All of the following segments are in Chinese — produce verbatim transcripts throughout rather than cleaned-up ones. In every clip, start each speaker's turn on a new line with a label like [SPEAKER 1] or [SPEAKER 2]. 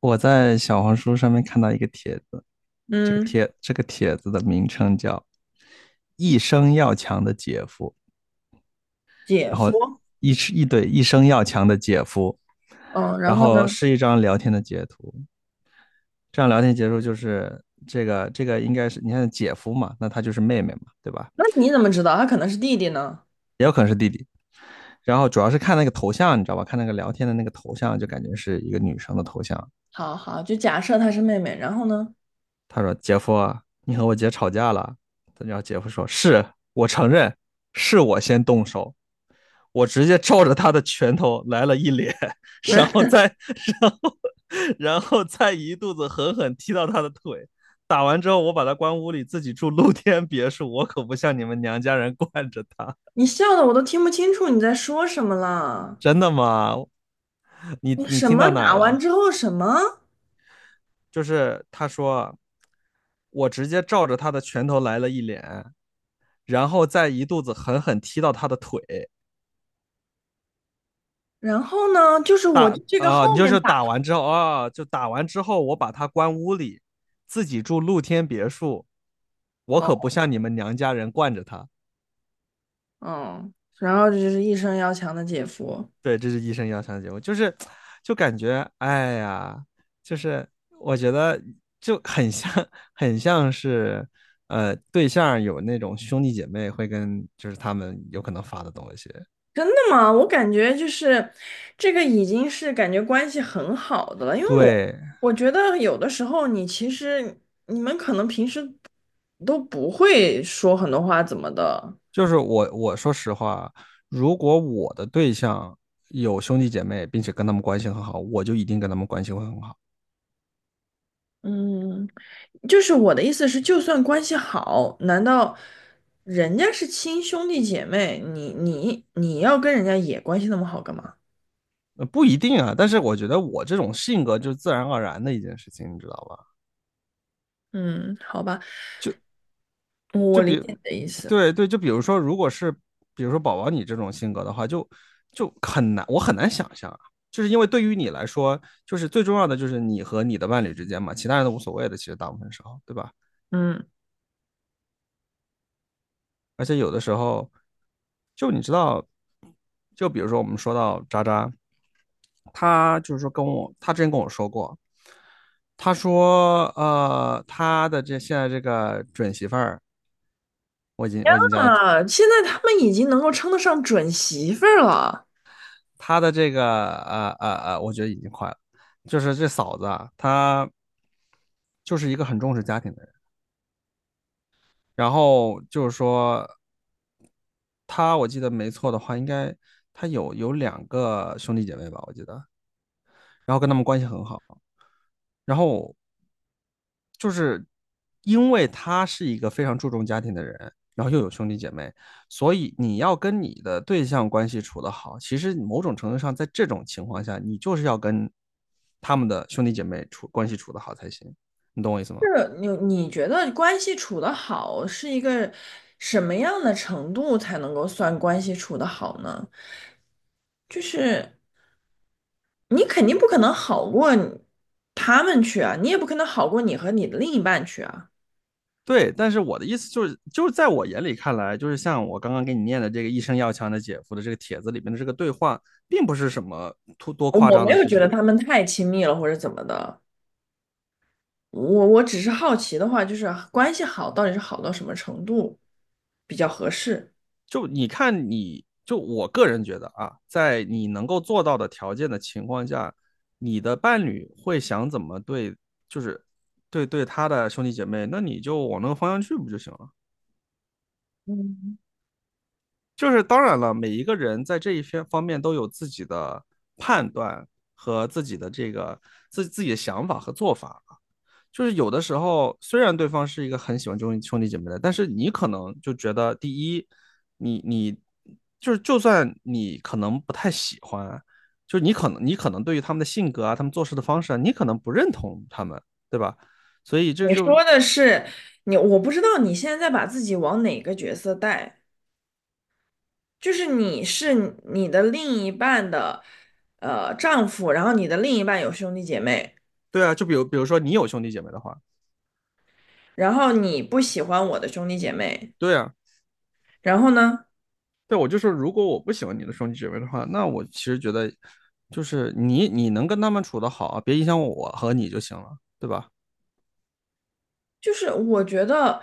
[SPEAKER 1] 我在小红书上面看到一个帖子，这个
[SPEAKER 2] 嗯。
[SPEAKER 1] 帖这个帖子的名称叫"一生要强的姐夫"，
[SPEAKER 2] 姐
[SPEAKER 1] 然后
[SPEAKER 2] 夫。
[SPEAKER 1] 一是一对"一生要强的姐夫"，
[SPEAKER 2] 嗯，然
[SPEAKER 1] 然
[SPEAKER 2] 后
[SPEAKER 1] 后
[SPEAKER 2] 呢？
[SPEAKER 1] 是一张聊天的截图。这张聊天截图就是这个这个应该是你看姐夫嘛，那他就是妹妹嘛，对吧？
[SPEAKER 2] 那你怎么知道他可能是弟弟呢？
[SPEAKER 1] 然后主要是看那个头像，你知道吧？看那个聊天的那个头像，就感觉是一个女生的头像。
[SPEAKER 2] 好好，就假设他是妹妹，然后呢？
[SPEAKER 1] 他说："姐夫啊，你和我姐吵架了。"然后姐夫说："是我承认，是我先动手，我直接照着他的拳头来了一脸，然后 再，然后，然后再一肚子狠狠踢到他的腿。打完之后，我把他关屋里，自己住露天别墅，我可不像你们娘家人惯着他。
[SPEAKER 2] 你笑的我都听不清楚你在说什么 了。
[SPEAKER 1] 真的吗？你
[SPEAKER 2] 你
[SPEAKER 1] 你
[SPEAKER 2] 什
[SPEAKER 1] 听
[SPEAKER 2] 么
[SPEAKER 1] 到哪
[SPEAKER 2] 打完
[SPEAKER 1] 了？
[SPEAKER 2] 之后什么？
[SPEAKER 1] 就是他说，我直接照着他的拳头来了一脸。"然后再一肚子狠狠踢到他的腿。
[SPEAKER 2] 然后呢？就是我
[SPEAKER 1] 打
[SPEAKER 2] 这个
[SPEAKER 1] 啊、呃你
[SPEAKER 2] 后
[SPEAKER 1] 就
[SPEAKER 2] 面
[SPEAKER 1] 是
[SPEAKER 2] 打。
[SPEAKER 1] 打完之后啊，就打完之后，我把他关屋里，自己住露天别墅，我可不
[SPEAKER 2] 哦。
[SPEAKER 1] 像你们娘家人惯着他。
[SPEAKER 2] 嗯，然后就是一生要强的姐夫。
[SPEAKER 1] 对，这是医生要上的节目，就是就感觉哎呀，就是我觉得就很像很像是呃对象有那种兄弟姐妹会跟就是他们有可能发的东西。
[SPEAKER 2] 真的吗？我感觉就是这个已经是感觉关系很好的了，因为我
[SPEAKER 1] 对，
[SPEAKER 2] 我觉得有的时候你其实你们可能平时都不会说很多话怎么的。
[SPEAKER 1] 就是我我说实话，如果我的对象有兄弟姐妹，并且跟他们关系很好，我就一定跟他们关系会很好。
[SPEAKER 2] 嗯，就是我的意思是，就算关系好，难道人家是亲兄弟姐妹，你你你要跟人家也关系那么好干嘛？
[SPEAKER 1] 呃不一定啊，但是我觉得我这种性格就是自然而然的一件事情，你知道吧？
[SPEAKER 2] 嗯，好吧，我
[SPEAKER 1] 就
[SPEAKER 2] 理
[SPEAKER 1] 比，
[SPEAKER 2] 解你的意思。
[SPEAKER 1] 对对，就比如说，如果是比如说宝宝你这种性格的话，就就很难，我很难想象啊。就是因为对于你来说，就是最重要的就是你和你的伴侣之间嘛，其他人都无所谓的，其实大部分时候，对吧？
[SPEAKER 2] 嗯。
[SPEAKER 1] 而且有的时候，就你知道，就比如说我们说到渣渣，他就是说跟我，他之前跟我说过，他说呃，他的这现在这个准媳妇儿，我已经我已经叫她。
[SPEAKER 2] 啊，现在他们已经能够称得上准媳妇儿了。
[SPEAKER 1] 他的这个呃呃呃，我觉得已经快了，就是这嫂子啊，她就是一个很重视家庭的人，然后就是说。他我记得没错的话，应该他有有两个兄弟姐妹吧，我记得然后跟他们关系很好，然后就是因为他是一个非常注重家庭的人，然后又有兄弟姐妹，所以你要跟你的对象关系处得好，其实某种程度上，在这种情况下，你就是要跟他们的兄弟姐妹处关系处得好才行，你懂我意思吗？
[SPEAKER 2] 是你你觉得关系处得好是一个什么样的程度才能够算关系处得好呢？就是你肯定不可能好过你他们去啊，你也不可能好过你和你的另一半去啊。
[SPEAKER 1] 对，但是我的意思就是，就是在我眼里看来，就是像我刚刚给你念的这个"一生要强的姐夫"的这个帖子里面的这个对话，并不是什么多多夸
[SPEAKER 2] 我
[SPEAKER 1] 张
[SPEAKER 2] 没
[SPEAKER 1] 的
[SPEAKER 2] 有
[SPEAKER 1] 事
[SPEAKER 2] 觉得
[SPEAKER 1] 情。
[SPEAKER 2] 他们太亲密了或者怎么的，我我只是好奇的话，就是关系好到底是好到什么程度比较合适？
[SPEAKER 1] 就你看你，就我个人觉得啊，在你能够做到的条件的情况下，你的伴侣会想怎么对，就是对对他的兄弟姐妹，那你就往那个方向去不就行了？
[SPEAKER 2] 嗯，
[SPEAKER 1] 就是当然了，每一个人在这一些方面都有自己的判断和自己的这个自自己的想法和做法。就是有的时候，虽然对方是一个很喜欢兄兄弟姐妹的，但是你可能就觉得，第一，你你就是就算你可能不太喜欢，就是你可能你可能对于他们的性格啊，他们做事的方式啊，你可能不认同他们，对吧？所以这
[SPEAKER 2] 你
[SPEAKER 1] 就
[SPEAKER 2] 说的是你，我不知道你现在在把自己往哪个角色带。就是你是你的另一半的呃丈夫，然后你的另一半有兄弟姐妹，
[SPEAKER 1] 对啊，就比如比如说你有兄弟姐妹的话，
[SPEAKER 2] 然后你不喜欢我的兄弟姐妹，
[SPEAKER 1] 对啊，
[SPEAKER 2] 然后呢？
[SPEAKER 1] 对我就说，如果我不喜欢你的兄弟姐妹的话，那我其实觉得就是你你能跟他们处得好，别影响我和你就行了，对吧？
[SPEAKER 2] 就是我觉得，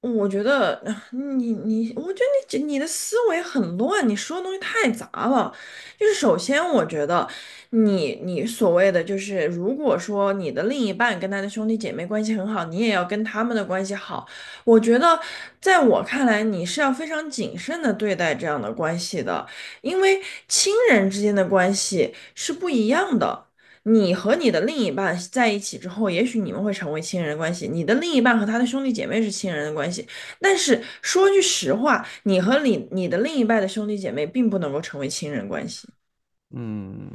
[SPEAKER 2] 我觉得呃你你，我觉得你你的思维很乱，你说的东西太杂了。就是首先，我觉得你你所谓的就是，如果说你的另一半跟他的兄弟姐妹关系很好，你也要跟他们的关系好。我觉得，在我看来，你是要非常谨慎的对待这样的关系的，因为亲人之间的关系是不一样的。你和你的另一半在一起之后，也许你们会成为亲人关系，你的另一半和他的兄弟姐妹是亲人的关系，但是说句实话，你和你你的另一半的兄弟姐妹并不能够成为亲人关系。
[SPEAKER 1] 嗯，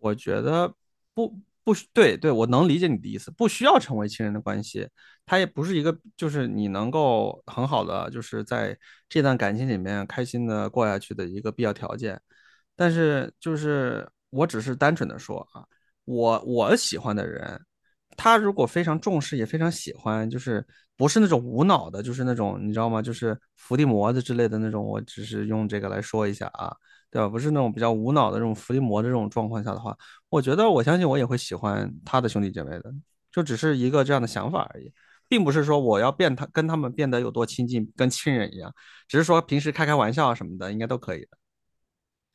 [SPEAKER 1] 我觉得不不对对，我能理解你的意思，不需要成为亲人的关系，它也不是一个就是你能够很好的就是在这段感情里面开心的过下去的一个必要条件。但是就是我只是单纯的说啊，我我喜欢的人，他如果非常重视也非常喜欢，就是不是那种无脑的，就是那种你知道吗？就是伏地魔的之类的那种，我只是用这个来说一下啊，对吧？不是那种比较无脑的这种伏地魔的这种状况下的话，我觉得我相信我也会喜欢他的兄弟姐妹的，就只是一个这样的想法而已。并不是说我要变他跟他们变得有多亲近，跟亲人一样，只是说平时开开玩笑啊什么的，应该都可以。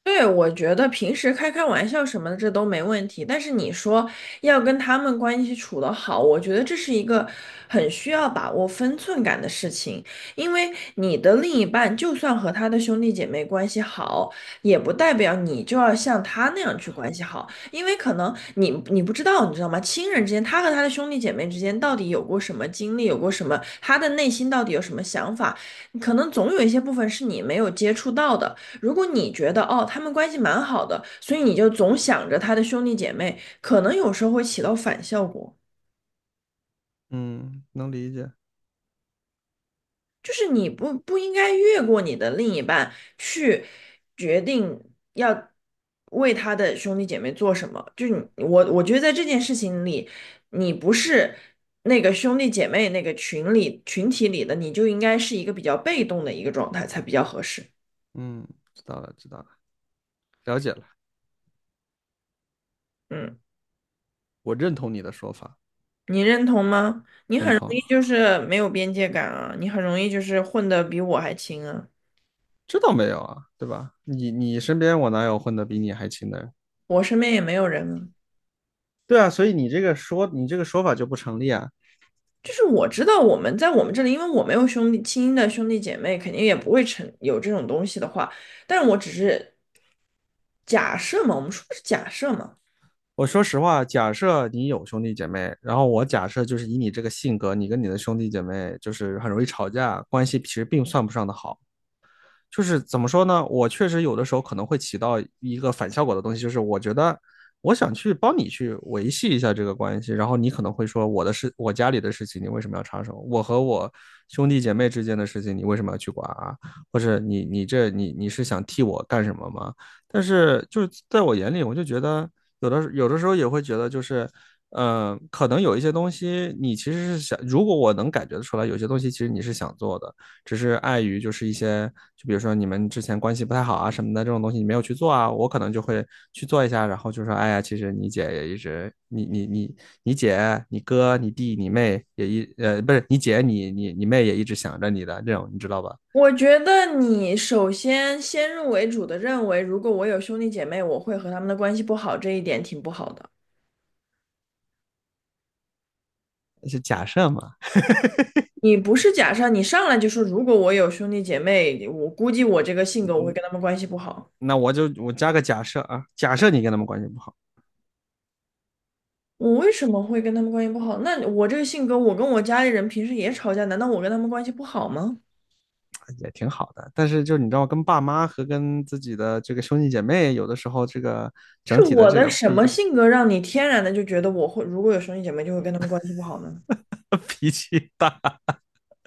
[SPEAKER 2] 对，我觉得平时开开玩笑什么的这都没问题，但是你说要跟他们关系处得好，我觉得这是一个很需要把握分寸感的事情，因为你的另一半就算和他的兄弟姐妹关系好，也不代表你就要像他那样去关系好，因为可能你你不知道，你知道吗？亲人之间，他和他的兄弟姐妹之间到底有过什么经历，有过什么，他的内心到底有什么想法，可能总有一些部分是你没有接触到的。如果你觉得哦，他们关系蛮好的，所以你就总想着他的兄弟姐妹，可能有时候会起到反效果，
[SPEAKER 1] 嗯，能理解。
[SPEAKER 2] 就是你不不应该越过你的另一半去决定要为他的兄弟姐妹做什么。就是你我我觉得在这件事情里，你不是那个兄弟姐妹那个群里群体里的，你就应该是一个比较被动的一个状态才比较合适。
[SPEAKER 1] 嗯，知道了，知道了，了解了。
[SPEAKER 2] 嗯，
[SPEAKER 1] 我认同你的说法，
[SPEAKER 2] 你认同吗？
[SPEAKER 1] 认
[SPEAKER 2] 容
[SPEAKER 1] 同。
[SPEAKER 2] 易就是没有边界感啊，你很容易就是混得比我还亲啊，
[SPEAKER 1] 知道没有啊？对吧？你你身边我哪有混得比你还勤的人？
[SPEAKER 2] 我身边也没有人啊。
[SPEAKER 1] 对啊，所以你这个说你这个说法就不成立啊。
[SPEAKER 2] 就是我知道我们在我们这里，因为我没有兄弟亲的兄弟姐妹，肯定也不会成有这种东西的话，但是我只是假设嘛，我们说的是假设嘛。
[SPEAKER 1] 我说实话，假设你有兄弟姐妹，然后我假设就是以你这个性格，你跟你的兄弟姐妹就是很容易吵架，关系其实并算不上的好。就是怎么说呢？我确实有的时候可能会起到一个反效果的东西，就是我觉得我想去帮你去维系一下这个关系，然后你可能会说我的事，我家里的事情你为什么要插手？我和我兄弟姐妹之间的事情你为什么要去管啊？或者你你这你你是想替我干什么吗？但是就是在我眼里，我就觉得有的有的时候也会觉得就是。嗯呃，可能有一些东西你其实是想，如果我能感觉得出来，有些东西其实你是想做的，只是碍于就是一些，就比如说你们之前关系不太好啊什么的这种东西，你没有去做啊，我可能就会去做一下，然后就说，哎呀，其实你姐也一直，你你你你姐、你哥、你弟、你妹也一呃，不是你姐、你你你妹也一直想着你的这种，你知道吧？
[SPEAKER 2] 我觉得你首先先入为主的认为，如果我有兄弟姐妹，我会和他们的关系不好，这一点挺不好的。
[SPEAKER 1] 是假设嘛，
[SPEAKER 2] 你不是假设，你上来就说如果我有兄弟姐妹，我估计我这个性
[SPEAKER 1] 嗯，
[SPEAKER 2] 格我会
[SPEAKER 1] 嗯
[SPEAKER 2] 跟他们关系不好。
[SPEAKER 1] 那我就我加个假设啊，假设你跟他们关系不好。
[SPEAKER 2] 我为什么会跟他们关系不好？那我这个性格，我跟我家里人平时也吵架，难道我跟他们关系不好吗？
[SPEAKER 1] 哎，也挺好的，但是就你知道，跟爸妈和跟自己的这个兄弟姐妹，有的时候这个
[SPEAKER 2] 是
[SPEAKER 1] 整体的
[SPEAKER 2] 我
[SPEAKER 1] 这
[SPEAKER 2] 的
[SPEAKER 1] 个
[SPEAKER 2] 什
[SPEAKER 1] 不
[SPEAKER 2] 么性格让你天然的就觉得我会，如果有兄弟姐妹就会跟他们关系不好呢？
[SPEAKER 1] 脾气大。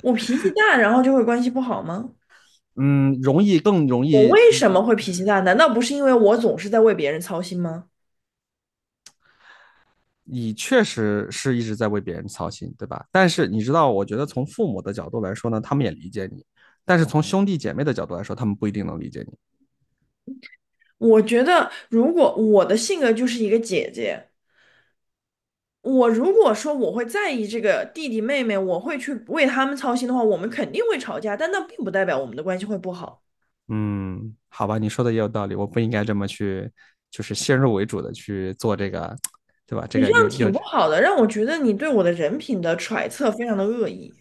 [SPEAKER 2] 我脾气大，然后就会关系不好吗？
[SPEAKER 1] 嗯，容易更容
[SPEAKER 2] 我
[SPEAKER 1] 易，
[SPEAKER 2] 为
[SPEAKER 1] 你
[SPEAKER 2] 什么会脾气大？难道不是因为我总是在为别人操心吗？
[SPEAKER 1] 你确实是一直在为别人操心，对吧？但是你知道，我觉得从父母的角度来说呢，他们也理解你，但是从兄弟姐妹的角度来说，他们不一定能理解你。
[SPEAKER 2] 我觉得，如果我的性格就是一个姐姐，我如果说我会在意这个弟弟妹妹，我会去为他们操心的话，我们肯定会吵架，但那并不代表我们的关系会不好。
[SPEAKER 1] 嗯，好吧，你说的也有道理，我不应该这么去，就是先入为主的去做这个，对吧？这
[SPEAKER 2] 你这
[SPEAKER 1] 个
[SPEAKER 2] 样
[SPEAKER 1] 有有，
[SPEAKER 2] 挺不好的，让我觉得你对我的人品的揣测非常的恶意。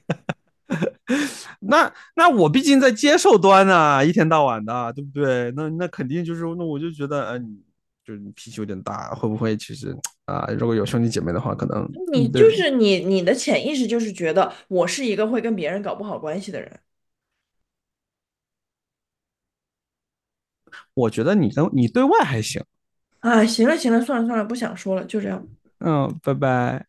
[SPEAKER 1] 那那我毕竟在接受端啊，一天到晚的啊，对不对？那那肯定就是，那我就觉得，嗯、呃就是脾气有点大，会不会其实啊、呃如果有兄弟姐妹的话，可能，
[SPEAKER 2] 你
[SPEAKER 1] 嗯
[SPEAKER 2] 就
[SPEAKER 1] 对，
[SPEAKER 2] 是你，你的潜意识就是觉得我是一个会跟别人搞不好关系的人。
[SPEAKER 1] 我觉得你跟你对外还行。
[SPEAKER 2] 哎，行了行了，算了算了，不想说了，就这样吧
[SPEAKER 1] 嗯，拜拜。